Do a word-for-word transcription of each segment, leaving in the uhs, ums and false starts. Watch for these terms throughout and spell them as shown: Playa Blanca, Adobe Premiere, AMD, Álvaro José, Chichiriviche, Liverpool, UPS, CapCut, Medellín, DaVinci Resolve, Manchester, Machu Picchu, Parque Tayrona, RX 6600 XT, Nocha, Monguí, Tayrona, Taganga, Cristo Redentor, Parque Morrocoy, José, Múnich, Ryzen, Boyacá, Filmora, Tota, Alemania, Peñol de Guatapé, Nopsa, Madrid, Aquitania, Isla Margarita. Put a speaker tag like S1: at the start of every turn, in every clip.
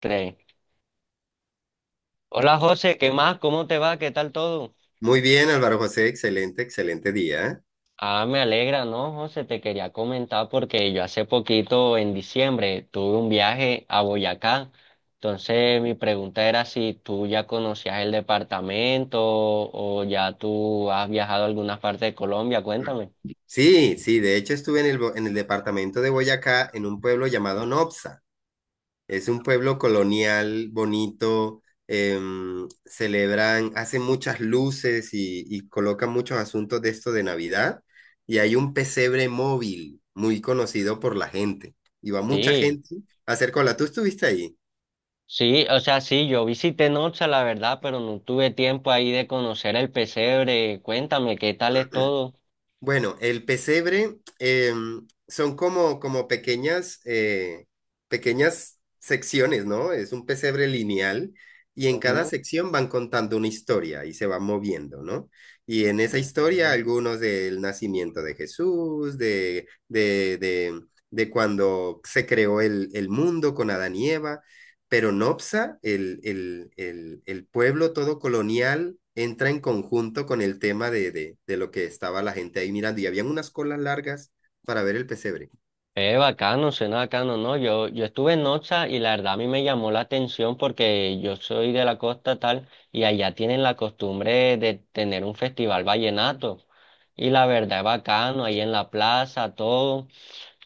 S1: Play. Hola José, ¿qué más? ¿Cómo te va? ¿Qué tal todo?
S2: Muy bien, Álvaro José, excelente, excelente día.
S1: Ah, me alegra, ¿no, José? Te quería comentar porque yo hace poquito, en diciembre, tuve un viaje a Boyacá. Entonces, mi pregunta era si tú ya conocías el departamento o ya tú has viajado a alguna parte de Colombia. Cuéntame.
S2: Sí, sí, de hecho estuve en el, bo- en el departamento de Boyacá, en un pueblo llamado Nopsa. Es un pueblo colonial, bonito, em, celebran, hacen muchas luces y, y colocan muchos asuntos de esto de Navidad. Y hay un pesebre móvil muy conocido por la gente. Y va mucha
S1: Sí,
S2: gente a hacer cola. ¿Tú estuviste ahí?
S1: sí, o sea, sí, yo visité Nocha, la verdad, pero no tuve tiempo ahí de conocer el pesebre. Cuéntame, ¿qué tal es todo?
S2: Bueno, el pesebre em, son como, como pequeñas, eh, pequeñas secciones, ¿no? Es un pesebre lineal y en cada
S1: Ujú.
S2: sección van contando una historia y se van moviendo, ¿no? Y en esa historia algunos del nacimiento de Jesús, de, de, de, de cuando se creó el, el mundo con Adán y Eva, pero Nopsa, el, el, el, el pueblo todo colonial, entra en conjunto con el tema de, de, de lo que estaba la gente ahí mirando y habían unas colas largas para ver el pesebre.
S1: Eh, bacano, suena bacano, ¿no? Yo, yo estuve en Nocha y la verdad a mí me llamó la atención porque yo soy de la costa tal y allá tienen la costumbre de tener un festival vallenato y la verdad es bacano, ahí en la plaza, todo,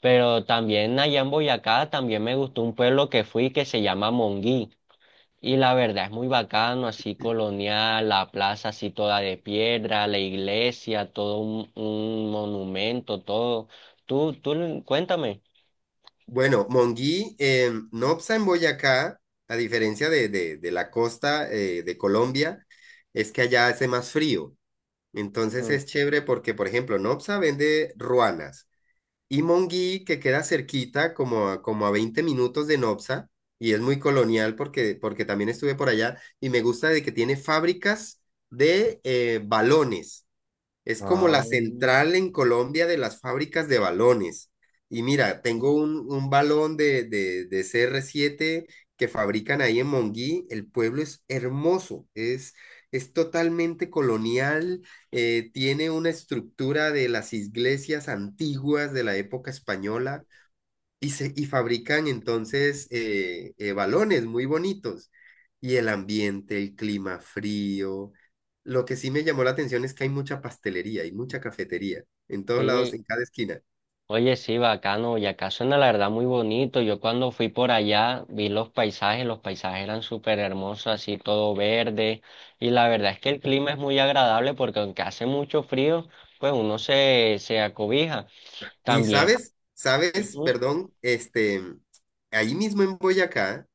S1: pero también allá en Boyacá también me gustó un pueblo que fui que se llama Monguí y la verdad es muy bacano, así colonial, la plaza así toda de piedra, la iglesia, todo un, un monumento, todo. Tú, tú, cuéntame.
S2: Bueno, Monguí, eh, Nopsa en Boyacá, a diferencia de, de, de la costa eh, de Colombia, es que allá hace más frío. Entonces
S1: Mm.
S2: es chévere porque, por ejemplo, Nopsa vende ruanas. Y Monguí, que queda cerquita, como a, como a veinte minutos de Nopsa, y es muy colonial porque, porque también estuve por allá, y me gusta de que tiene fábricas de eh, balones. Es como
S1: Ah,
S2: la central en Colombia de las fábricas de balones. Y mira, tengo un, un balón de, de, de c r siete que fabrican ahí en Monguí. El pueblo es hermoso, es, es totalmente colonial, eh, tiene una estructura de las iglesias antiguas de la época española y, se, y fabrican entonces eh, eh, balones muy bonitos. Y el ambiente, el clima frío. Lo que sí me llamó la atención es que hay mucha pastelería y mucha cafetería en todos lados,
S1: sí.
S2: en cada esquina.
S1: Oye, sí, bacano. Y acá suena la verdad muy bonito. Yo cuando fui por allá vi los paisajes, los paisajes eran súper hermosos, así todo verde. Y la verdad es que el clima es muy agradable porque aunque hace mucho frío, pues uno se, se acobija.
S2: Y
S1: También.
S2: sabes, sabes,
S1: Ujú.
S2: perdón, este, ahí mismo en Boyacá,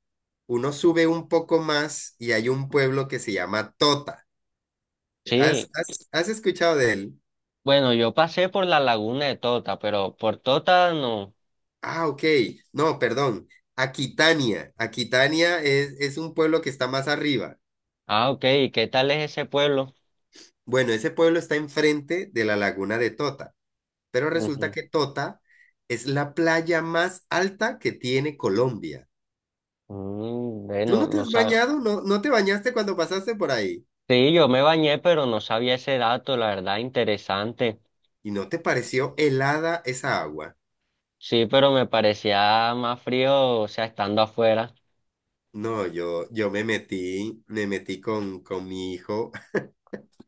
S2: uno sube un poco más y hay un pueblo que se llama Tota. ¿Has,
S1: Sí,
S2: has, has escuchado de él?
S1: bueno, yo pasé por la laguna de Tota, pero por Tota no.
S2: Ah, ok. No, perdón. Aquitania. Aquitania es, es un pueblo que está más arriba.
S1: Ah, ok. ¿Y qué tal es ese pueblo?
S2: Bueno, ese pueblo está enfrente de la laguna de Tota, pero resulta
S1: Ujú.
S2: que Tota es la playa más alta que tiene Colombia.
S1: Mm,
S2: ¿Tú
S1: bueno,
S2: no te
S1: no
S2: has
S1: sabe.
S2: bañado? ¿No, no te bañaste cuando pasaste por ahí?
S1: Sí, yo me bañé, pero no sabía ese dato, la verdad, interesante.
S2: ¿Y no te pareció helada esa agua?
S1: Sí, pero me parecía más frío, o sea, estando afuera.
S2: No, yo, yo me metí, me metí con, con mi hijo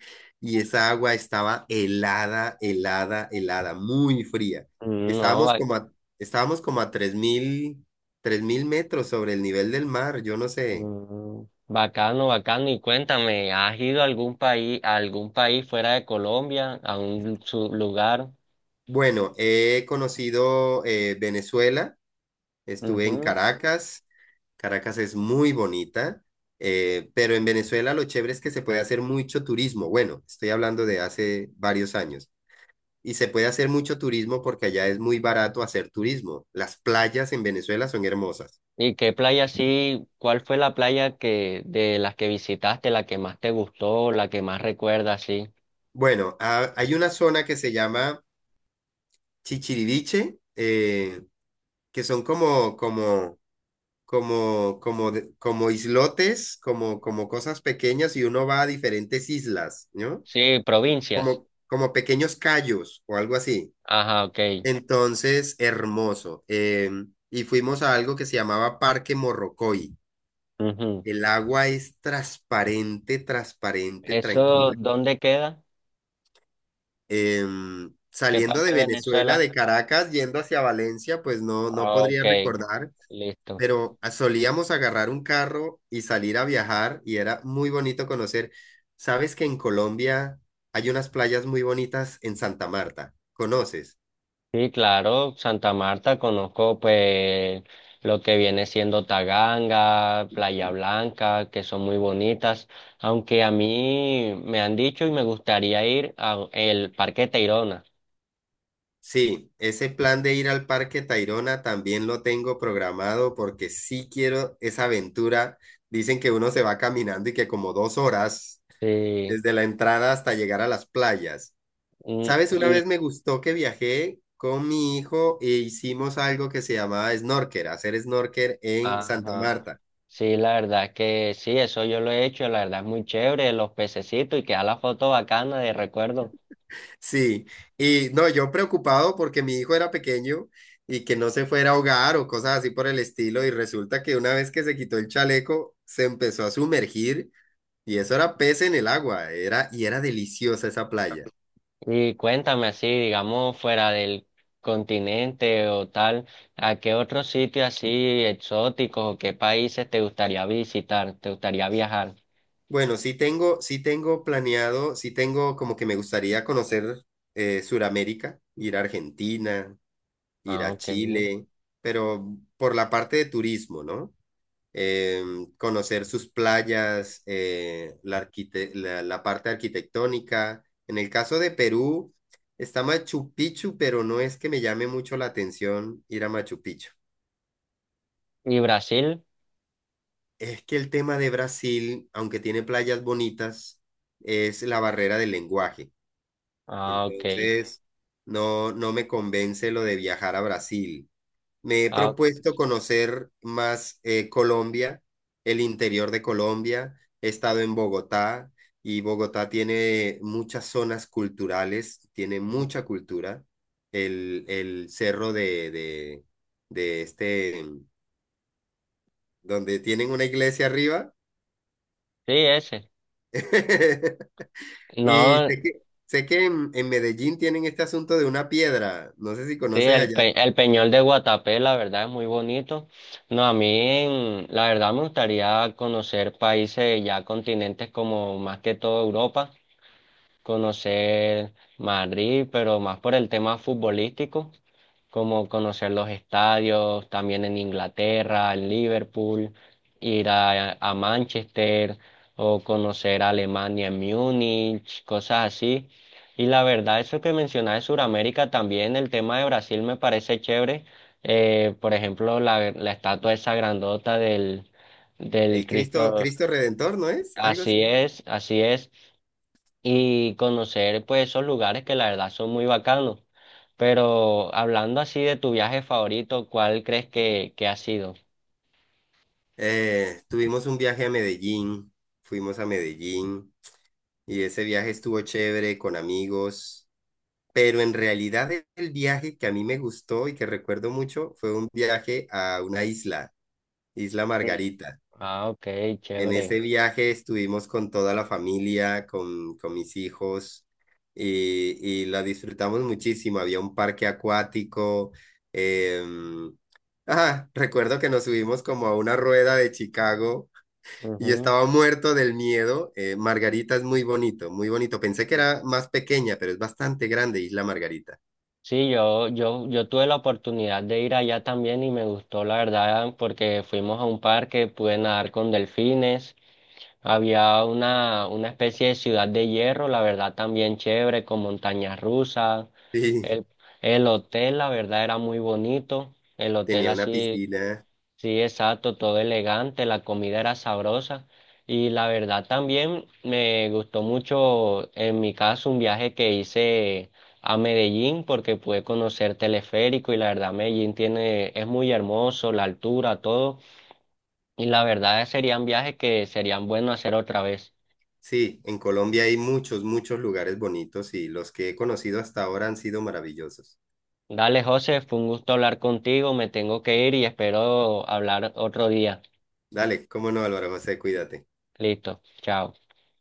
S2: y esa agua estaba helada, helada, helada, muy fría.
S1: Mm, no,
S2: Estábamos
S1: ba-
S2: como a, estábamos como a tres mil, tres mil metros sobre el nivel del mar, yo no sé.
S1: mm, bacano, bacano. Y cuéntame, ¿has ido a algún país, a algún país fuera de Colombia, a un su- lugar?
S2: Bueno, he conocido eh, Venezuela, estuve en
S1: Ujú.
S2: Caracas, Caracas es muy bonita, eh, pero en Venezuela lo chévere es que se puede hacer mucho turismo, bueno, estoy hablando de hace varios años, y se puede hacer mucho turismo porque allá es muy barato hacer turismo, las playas en Venezuela son hermosas.
S1: ¿Y qué playa sí? ¿Cuál fue la playa que de las que visitaste, la que más te gustó, la que más recuerdas, sí?
S2: Bueno, ha- hay una zona que se llama Chichiriviche, eh, que son como, como como, como, de- como islotes, como, como cosas pequeñas y uno va a diferentes islas, ¿no?
S1: Sí, provincias.
S2: Como, como pequeños cayos o algo así.
S1: Ajá, ok.
S2: Entonces, hermoso. Eh, y fuimos a algo que se llamaba Parque Morrocoy.
S1: Ujú.
S2: El agua es transparente, transparente,
S1: ¿Eso
S2: tranquila.
S1: dónde queda?
S2: Em,
S1: ¿Qué
S2: saliendo
S1: parte
S2: de
S1: de
S2: Venezuela,
S1: Venezuela?
S2: de Caracas, yendo hacia Valencia, pues no, no
S1: Ah,
S2: podría
S1: ok,
S2: recordar
S1: listo.
S2: pero a- solíamos agarrar un carro y salir a viajar y era muy bonito conocer. ¿Sabes que en Colombia hay unas playas muy bonitas en Santa Marta? ¿Conoces?
S1: Sí, claro, Santa Marta, conozco pues lo que viene siendo Taganga, Playa Blanca, que son muy bonitas, aunque a mí me han dicho y me gustaría ir al Parque Tayrona.
S2: Sí, ese plan de ir al Parque Tayrona también lo tengo programado porque sí quiero esa aventura. Dicen que uno se va caminando y que como dos horas
S1: Sí,
S2: desde la entrada hasta llegar a las playas.
S1: mm,
S2: ¿Sabes? Una
S1: y,
S2: vez me gustó que viajé con mi hijo e hicimos algo que se llamaba snorker, hacer snorker en Santa
S1: ajá,
S2: Marta.
S1: sí, la verdad es que sí, eso yo lo he hecho, la verdad es muy chévere, los pececitos y queda la foto bacana de recuerdo.
S2: Sí, y no, yo preocupado porque mi hijo era pequeño y que no se fuera a ahogar o cosas así por el estilo, y resulta que una vez que se quitó el chaleco, se empezó a sumergir y eso era pez en el agua, era y era deliciosa esa playa.
S1: Y cuéntame así, digamos, fuera del continente o tal, ¿a qué otro sitio así exóticos o qué países te gustaría visitar, te gustaría viajar?
S2: Bueno, sí tengo, sí tengo planeado, sí tengo como que me gustaría conocer eh, Suramérica, ir a Argentina, ir
S1: Ah,
S2: a
S1: ok.
S2: Chile, pero por la parte de turismo, ¿no? Eh, Conocer sus playas, eh, la, arquite- la, la parte arquitectónica. En el caso de Perú, está Machu Picchu, pero no es que me llame mucho la atención ir a Machu Picchu.
S1: ¿Y Brasil?
S2: Es que el tema de Brasil, aunque tiene playas bonitas, es la barrera del lenguaje.
S1: Ah, ok.
S2: Entonces, no, no me convence lo de viajar a Brasil. Me he
S1: Ah,
S2: propuesto conocer más eh, Colombia, el interior de Colombia. He estado en Bogotá y Bogotá tiene muchas zonas culturales, tiene
S1: ujú.
S2: mucha cultura. El, el cerro de, de, de este, donde tienen una iglesia arriba.
S1: Sí, ese.
S2: Y
S1: No,
S2: sé que, sé que en, en Medellín tienen este asunto de una piedra. No sé si
S1: sí,
S2: conoces
S1: el,
S2: allá.
S1: pe- el Peñol de Guatapé, la verdad, es muy bonito. No, a mí, en- la verdad, me gustaría conocer países ya continentes como más que todo Europa. Conocer Madrid, pero más por el tema futbolístico, como conocer los estadios, también en Inglaterra, en Liverpool, ir a, a Manchester o conocer Alemania en Múnich, cosas así. Y la verdad, eso que mencionas de Sudamérica también, el tema de Brasil me parece chévere. Eh, por ejemplo, la, la estatua esa grandota del, del
S2: El Cristo,
S1: Cristo.
S2: Cristo Redentor, ¿no es? Algo
S1: Así
S2: así.
S1: es, así es y conocer pues esos lugares que la verdad son muy bacanos. Pero hablando así de tu viaje favorito, ¿cuál crees que, que ha sido?
S2: Eh, tuvimos un viaje a Medellín, fuimos a Medellín y ese viaje estuvo chévere con amigos, pero en realidad e- el viaje que a mí me gustó y que recuerdo mucho fue un viaje a una isla, Isla
S1: Sí.
S2: Margarita.
S1: Ah, ok,
S2: En
S1: chévere.
S2: ese viaje estuvimos con toda la familia, con, con mis hijos y, y la disfrutamos muchísimo. Había un parque acuático. em, ah, Recuerdo que nos subimos como a una rueda de Chicago y
S1: Ujú.
S2: estaba muerto del miedo. Eh, Margarita es muy bonito, muy bonito. Pensé que era más pequeña, pero es bastante grande Isla Margarita.
S1: Sí, yo, yo, yo tuve la oportunidad de ir allá también y me gustó, la verdad, porque fuimos a un parque, pude nadar con delfines. Había una, una especie de ciudad de hierro, la verdad también chévere, con montañas rusas.
S2: Sí,
S1: El, el hotel, la verdad, era muy bonito. El hotel
S2: tenía una
S1: así,
S2: piscina.
S1: sí, exacto, todo elegante, la comida era sabrosa. Y la verdad también me gustó mucho, en mi caso, un viaje que hice a Medellín porque pude conocer teleférico y la verdad Medellín tiene, es muy hermoso, la altura, todo. Y la verdad serían viajes que serían buenos hacer otra vez.
S2: Sí, en Colombia hay muchos, muchos lugares bonitos y los que he conocido hasta ahora han sido maravillosos.
S1: Dale, José, fue un gusto hablar contigo. Me tengo que ir y espero hablar otro día.
S2: Dale, cómo no, Álvaro José, cuídate.
S1: Listo, chao.